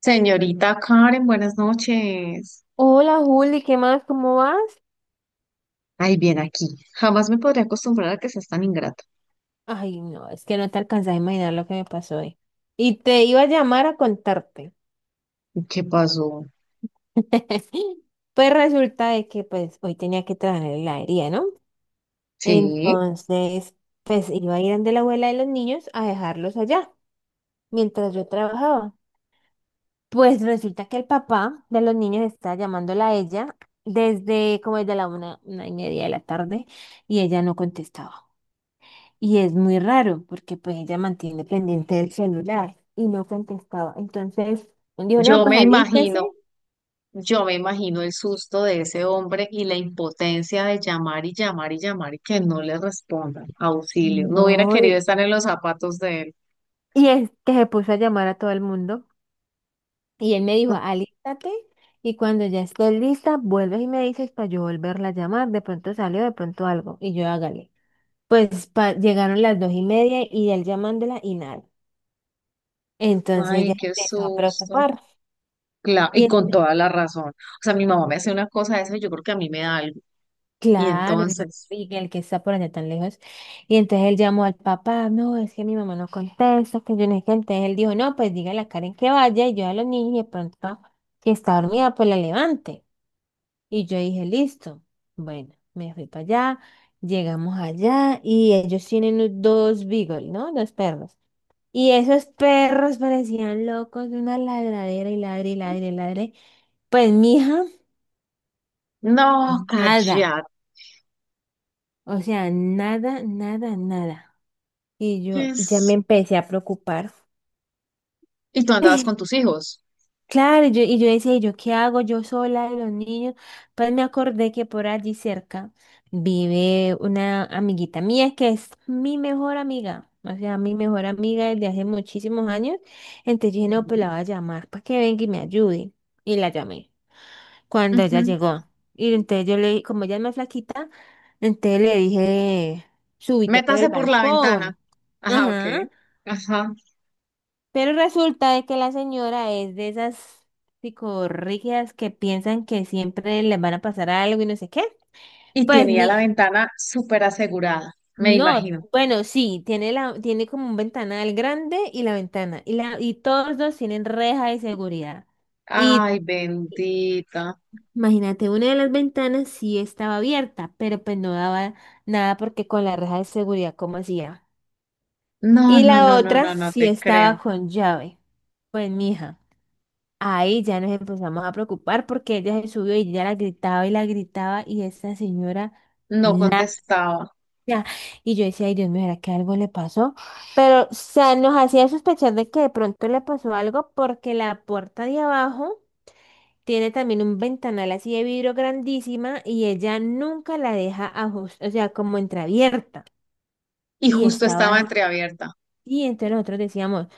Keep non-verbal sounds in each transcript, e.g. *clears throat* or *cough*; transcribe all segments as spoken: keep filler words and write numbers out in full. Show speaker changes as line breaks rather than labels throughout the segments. Señorita Karen, buenas noches.
Hola Juli, ¿qué más? ¿Cómo vas?
Ay, bien aquí. Jamás me podría acostumbrar a que seas tan ingrata.
Ay, no, es que no te alcanzas a imaginar lo que me pasó hoy. Y te iba a llamar a contarte.
¿Y ¿Qué pasó?
*laughs* Pues resulta de que pues hoy tenía que trabajar en la heladería, ¿no?
Sí,
Entonces, pues iba a ir donde la abuela de los niños a dejarlos allá, mientras yo trabajaba. Pues resulta que el papá de los niños está llamándola a ella desde como desde la una, una y media de la tarde y ella no contestaba. Y es muy raro porque pues ella mantiene pendiente el celular y no contestaba. Entonces dijo, no,
yo
pues
me
alístese.
imagino, yo me imagino el susto de ese hombre y la impotencia de llamar y llamar y llamar y que no le respondan. Auxilio. No hubiera
No.
querido
Y
estar en los zapatos de él.
y es que se puso a llamar a todo el mundo. Y él me dijo, alístate y cuando ya esté lista, vuelves y me dices para yo volverla a llamar. De pronto salió, de pronto algo. Y yo hágale. Pues pa- llegaron las dos y media y él llamándola y nada. Entonces
Ay,
ella se
qué
empezó a
susto.
preocupar.
Claro,
y
y con toda la razón. O sea, mi mamá me hace una cosa de eso y yo creo que a mí me da algo. Y
Claro, no,
entonces,
y el que está por allá tan lejos. Y entonces él llamó al papá, no, es que mi mamá no contesta, que yo no sé qué. Entonces él dijo, no, pues dígale a Karen que vaya y yo a los niños y de pronto, si está dormida, pues la levante. Y yo dije, listo. Bueno, me fui para allá, llegamos allá y ellos tienen u- dos beagle, ¿no? Dos perros. Y esos perros parecían locos, una ladradera y ladre y ladre y ladre. Pues mija
no,
nada.
callate.
O sea, nada, nada, nada. Y yo ya me empecé a preocupar.
Y tú andabas con
*laughs*
tus hijos.
Claro, y yo, y yo decía, ¿y yo qué hago yo sola y los niños? Pues me acordé que por allí cerca vive una amiguita mía que es mi mejor amiga, o sea, mi mejor amiga desde hace muchísimos años. Entonces yo dije, no, pues la
Sí.
voy a llamar para que venga y me ayude. Y la llamé cuando ella
Ujú.
llegó. Y entonces yo le dije, como ella es más flaquita, entonces le dije, súbite por
Métase
el
por la ventana.
balcón.
Ajá, ok.
Ajá.
Ajá.
Pero resulta de que la señora es de esas psicorrígidas que piensan que siempre les van a pasar algo y no sé qué.
Y
Pues
tenía la
mija,
ventana súper asegurada, me
no,
imagino.
bueno, sí, tiene la, tiene como un ventanal grande y la ventana, y la, y todos dos tienen reja de seguridad. Y
Ay, bendita.
imagínate, una de las ventanas sí estaba abierta, pero pues no daba nada porque con la reja de seguridad, ¿cómo hacía?
No,
Y
no,
la
no, no,
otra
no, no
sí
te
estaba
creo.
con llave. Pues mija. Ahí ya nos empezamos a preocupar porque ella se subió y ya la gritaba y la gritaba y esa señora
No
nada.
contestaba.
Y yo decía, ay Dios mío, ¿será que algo le pasó? Pero, o sea, nos hacía sospechar de que de pronto le pasó algo porque la puerta de abajo tiene también un ventanal así de vidrio grandísima y ella nunca la deja ajustada, o sea, como entreabierta.
Y
Y
justo estaba
estaba,
entreabierta.
y entonces nosotros decíamos,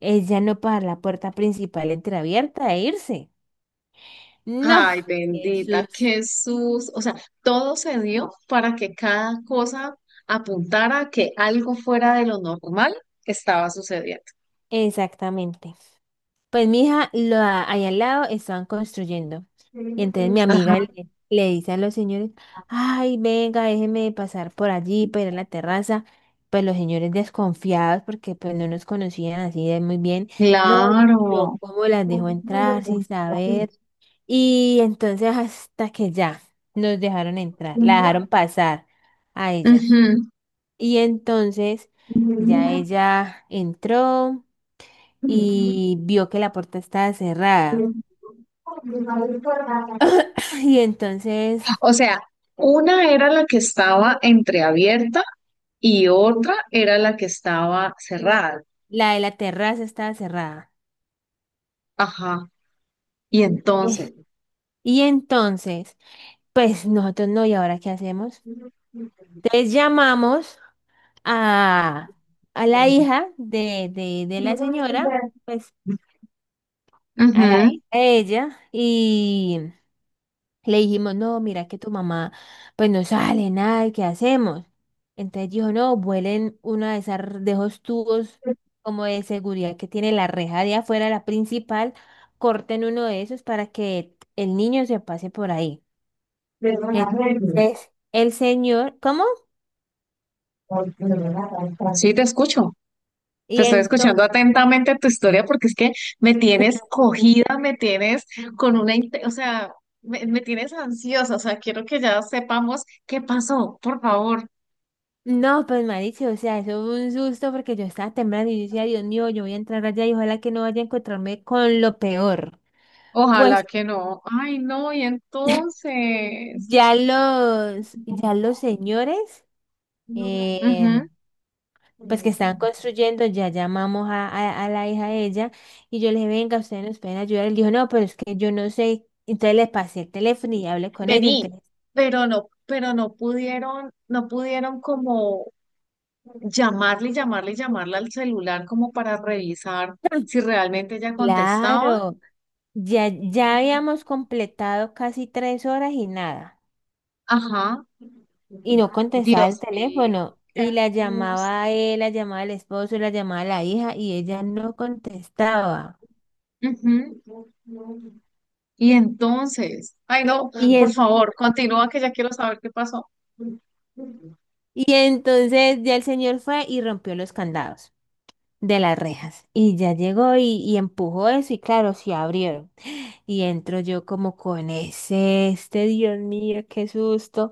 ella no para la puerta principal entreabierta e irse. No.
Ay, bendita,
Jesús.
Jesús. O sea, todo se dio para que cada cosa apuntara a que algo fuera de lo normal estaba sucediendo.
Exactamente. Pues mi hija, lo, a- ahí al lado estaban construyendo. Y entonces mi amiga le, le dice a los señores, ay, venga, déjeme pasar por allí para ir a la terraza. Pues los señores desconfiados porque pues no nos conocían así de muy bien. No, yo
Claro.
cómo las dejo entrar sin
Ujú.
saber. Y entonces hasta que ya nos dejaron entrar, la dejaron pasar a ella. Y entonces ya ella entró y vio que la puerta estaba cerrada. *laughs* Y entonces
O sea, una era la que estaba entreabierta y otra era la que estaba cerrada.
la de la terraza estaba cerrada.
Ajá. Y entonces,
Y entonces, pues nosotros no, ¿y ahora qué hacemos?
ujú.
Entonces llamamos a, a la hija de, de, de la señora, pues a la hija de ella. Le dijimos, no, mira que tu mamá pues no sale nada, ¿y qué hacemos? Entonces dijo, no, vuelen una de esas, de esos tubos como de seguridad que tiene la reja de afuera, la principal, corten uno de esos para que el niño se pase por ahí. Entonces, el señor, ¿cómo?
Sí, te escucho. Te
Y
estoy escuchando
entonces,
atentamente tu historia porque es que me tienes cogida, me tienes con una, inte- o sea, me, me tienes ansiosa, o sea, quiero que ya sepamos qué pasó, por favor.
no, pues marica, o sea, eso fue un susto porque yo estaba temblando y yo decía, Dios mío, yo voy a entrar allá y ojalá que no vaya a encontrarme con lo peor.
Ojalá
Pues
que no. Ay, no, y entonces.
Ya los, ya los señores, eh,
Ujú.
pues que están construyendo, ya llamamos a, a- a la hija de ella y yo le dije, venga, ustedes nos pueden ayudar. Él dijo, no, pero es que yo no sé. Entonces le pasé el teléfono y hablé con ella.
Vení,
Entonces,
pero no, pero no pudieron, no pudieron como llamarle, y llamarle, y llamarle al celular como para revisar
*clears throat*
si realmente ella contestaba.
claro, ya, ya habíamos completado casi tres horas y nada.
Ajá.
Y no contestaba el
Dios mío,
teléfono.
qué
Y la
angustia.
llamaba él, la llamaba el esposo, la llamaba la hija y ella no contestaba.
Ujú. Y entonces, ay no,
Y
por
en-
favor, continúa que ya quiero saber qué pasó.
Y entonces ya el señor fue y rompió los candados de las rejas. Y ya llegó y, y empujó eso y claro, sí abrieron. Y entro yo como con ese, este, Dios mío, qué susto.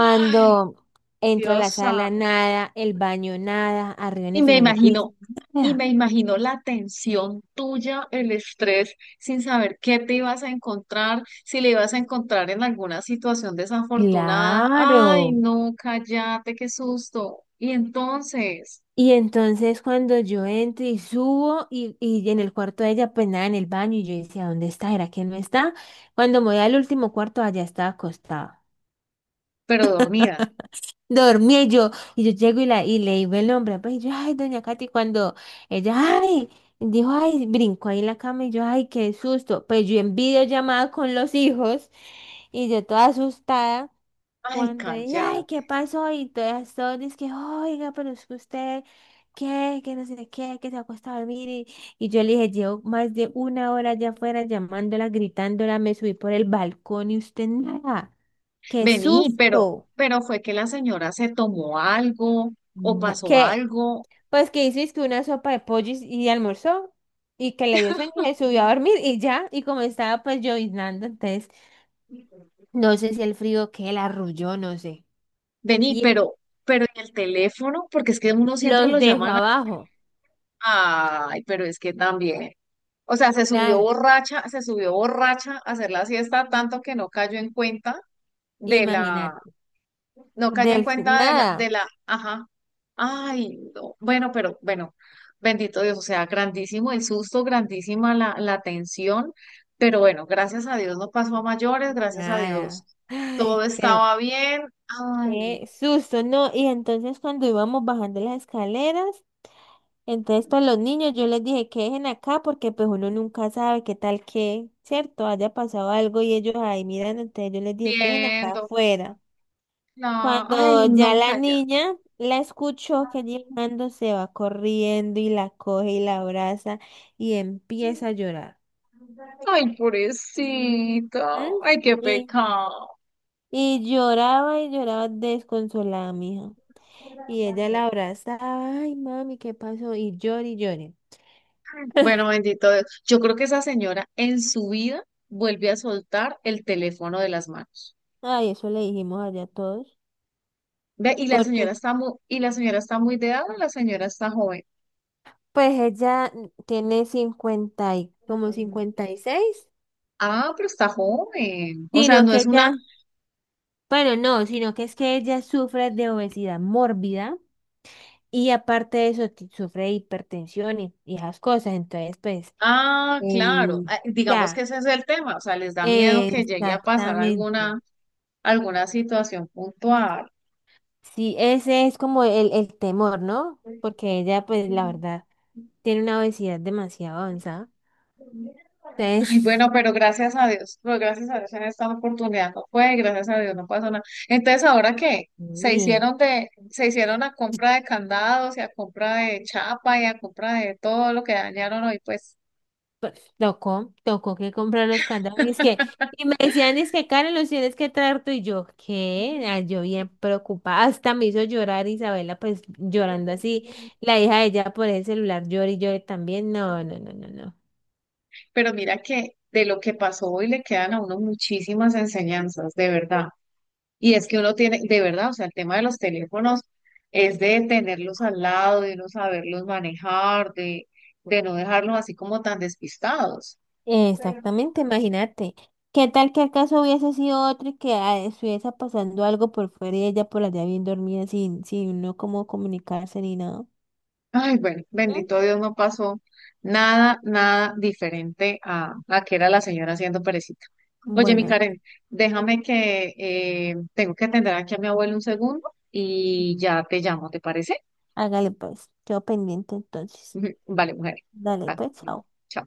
Ay,
entro a
Dios
la sala,
santo.
nada, el baño, nada, arriba en
Y
el
me
segundo piso,
imagino, y
nada.
me imagino la tensión tuya, el estrés, sin saber qué te ibas a encontrar, si le ibas a encontrar en alguna situación desafortunada. Ay,
Claro.
no, cállate, qué susto. Y entonces,
Y entonces cuando yo entro y subo y, y en el cuarto de ella, pues nada, en el baño, y yo decía, ¿dónde está? ¿Era que no está? Cuando me voy al último cuarto, allá estaba acostada.
pero dormida.
Dormí y yo, y yo llego y, la, y le digo el nombre, pues y yo, ay, doña Katy, cuando ella, ay, dijo, ay, brincó ahí en la cama y yo, ay, qué susto, pues yo en videollamada con los hijos y yo toda asustada,
Ay,
cuando ella, ay,
cállate.
¿qué pasó? Y todas, todas, es que, oiga, pero es que usted, ¿qué? Que no sé qué, que se acuesta a dormir y, y yo le dije, llevo más de una hora allá afuera llamándola, gritándola, me subí por el balcón y usted nada, qué
Vení, pero,
susto,
pero fue que la señora se tomó algo o pasó
que
algo.
pues que hizo es que una sopa de pollo y y almorzó y que le dio sueño y se subió a dormir y ya, y como estaba pues lloviznando, entonces no sé si el frío que la arrulló, no sé.
Vení,
Y
pero, pero en el teléfono, porque es que uno siempre lo
los dejó
llaman al-
abajo,
Ay, pero es que también. O sea, se subió
claro,
borracha, se subió borracha a hacer la siesta tanto que no cayó en cuenta de la,
imagínate.
no cayó en
Del
cuenta de la, de
nada,
la, ajá. Ay, no. Bueno, pero bueno, bendito Dios, o sea, grandísimo el susto, grandísima la, la tensión, pero bueno, gracias a Dios no pasó a mayores, gracias a Dios
nada.
todo
Ay, pero
estaba bien. Ay, no,
qué susto, ¿no? Y entonces cuando íbamos bajando las escaleras, entonces pues los niños yo les dije que dejen acá porque pues uno nunca sabe qué tal que, ¿cierto? Haya pasado algo y ellos ahí miran, entonces yo les dije que dejen acá
viendo.
afuera.
La- ay,
Cuando ya
no,
la
calla.
niña la escuchó que llegando se va corriendo y la coge y la abraza y empieza a llorar.
Ay, pobrecita.
¿M?
Ay, qué
Y,
pecado.
y lloraba y lloraba desconsolada, mija. Y ella la abrazaba, ay, mami, ¿qué pasó? Y llore y llore.
Bueno, bendito Dios. Yo creo que esa señora en su vida vuelve a soltar el teléfono de las manos.
Ay, eso le dijimos allá a todos.
Ve, y la
Porque
señora está muy, y la señora está muy de edad o la señora está joven.
pues ella tiene cincuenta y como cincuenta y seis,
Ah, pero está joven. O sea,
sino
no
que
es una.
ella, bueno, no, sino que es que ella sufre de obesidad mórbida y aparte de eso ti- sufre de hipertensión y, y esas cosas. Entonces, pues,
Ah, claro.
eh,
Ah, digamos que
ya,
ese es el tema. O sea, les da miedo que llegue a pasar
exactamente.
alguna, alguna situación puntual.
Sí, ese es como el, el temor, ¿no? Porque ella, pues, la verdad, tiene una obesidad demasiado avanzada.
Ay, bueno,
Entonces,
pero gracias a Dios. Pues gracias a Dios en esta oportunidad no fue, gracias a Dios no pasó nada. Entonces, ¿ahora qué? Se
sí,
hicieron de, se hicieron a compra de candados y a compra de chapa y a compra de todo lo que dañaron hoy, pues.
pues, tocó, tocó que comprar los candados. Y, es que, y me decían, es que, Karen, los tienes que traer tú. Y yo, ¿qué? Ah, yo bien preocupada. Hasta me hizo llorar Isabela, pues, llorando así. La hija de ella por el celular llora y llore también. No, no, no, no, no.
Pero mira que de lo que pasó hoy le quedan a uno muchísimas enseñanzas, de verdad. Y es que uno tiene, de verdad, o sea, el tema de los teléfonos es de tenerlos al lado, de no saberlos manejar, de, de no dejarlos así como tan despistados.
Exactamente, imagínate. ¿Qué tal que el caso hubiese sido otro y que ah, estuviese pasando algo por fuera y ella por allá bien dormida sin, sin no cómo comunicarse ni nada?
Ay, bueno,
¿Mm?
bendito Dios, no pasó nada, nada diferente a, a que era la señora haciendo perecita. Oye, mi
Bueno,
Karen, déjame que eh, tengo que atender aquí a mi abuelo un segundo y ya te llamo, ¿te parece?
hágale pues, quedo pendiente entonces.
Ujú. Vale, mujer.
Dale
Ah,
pues, chao.
chao.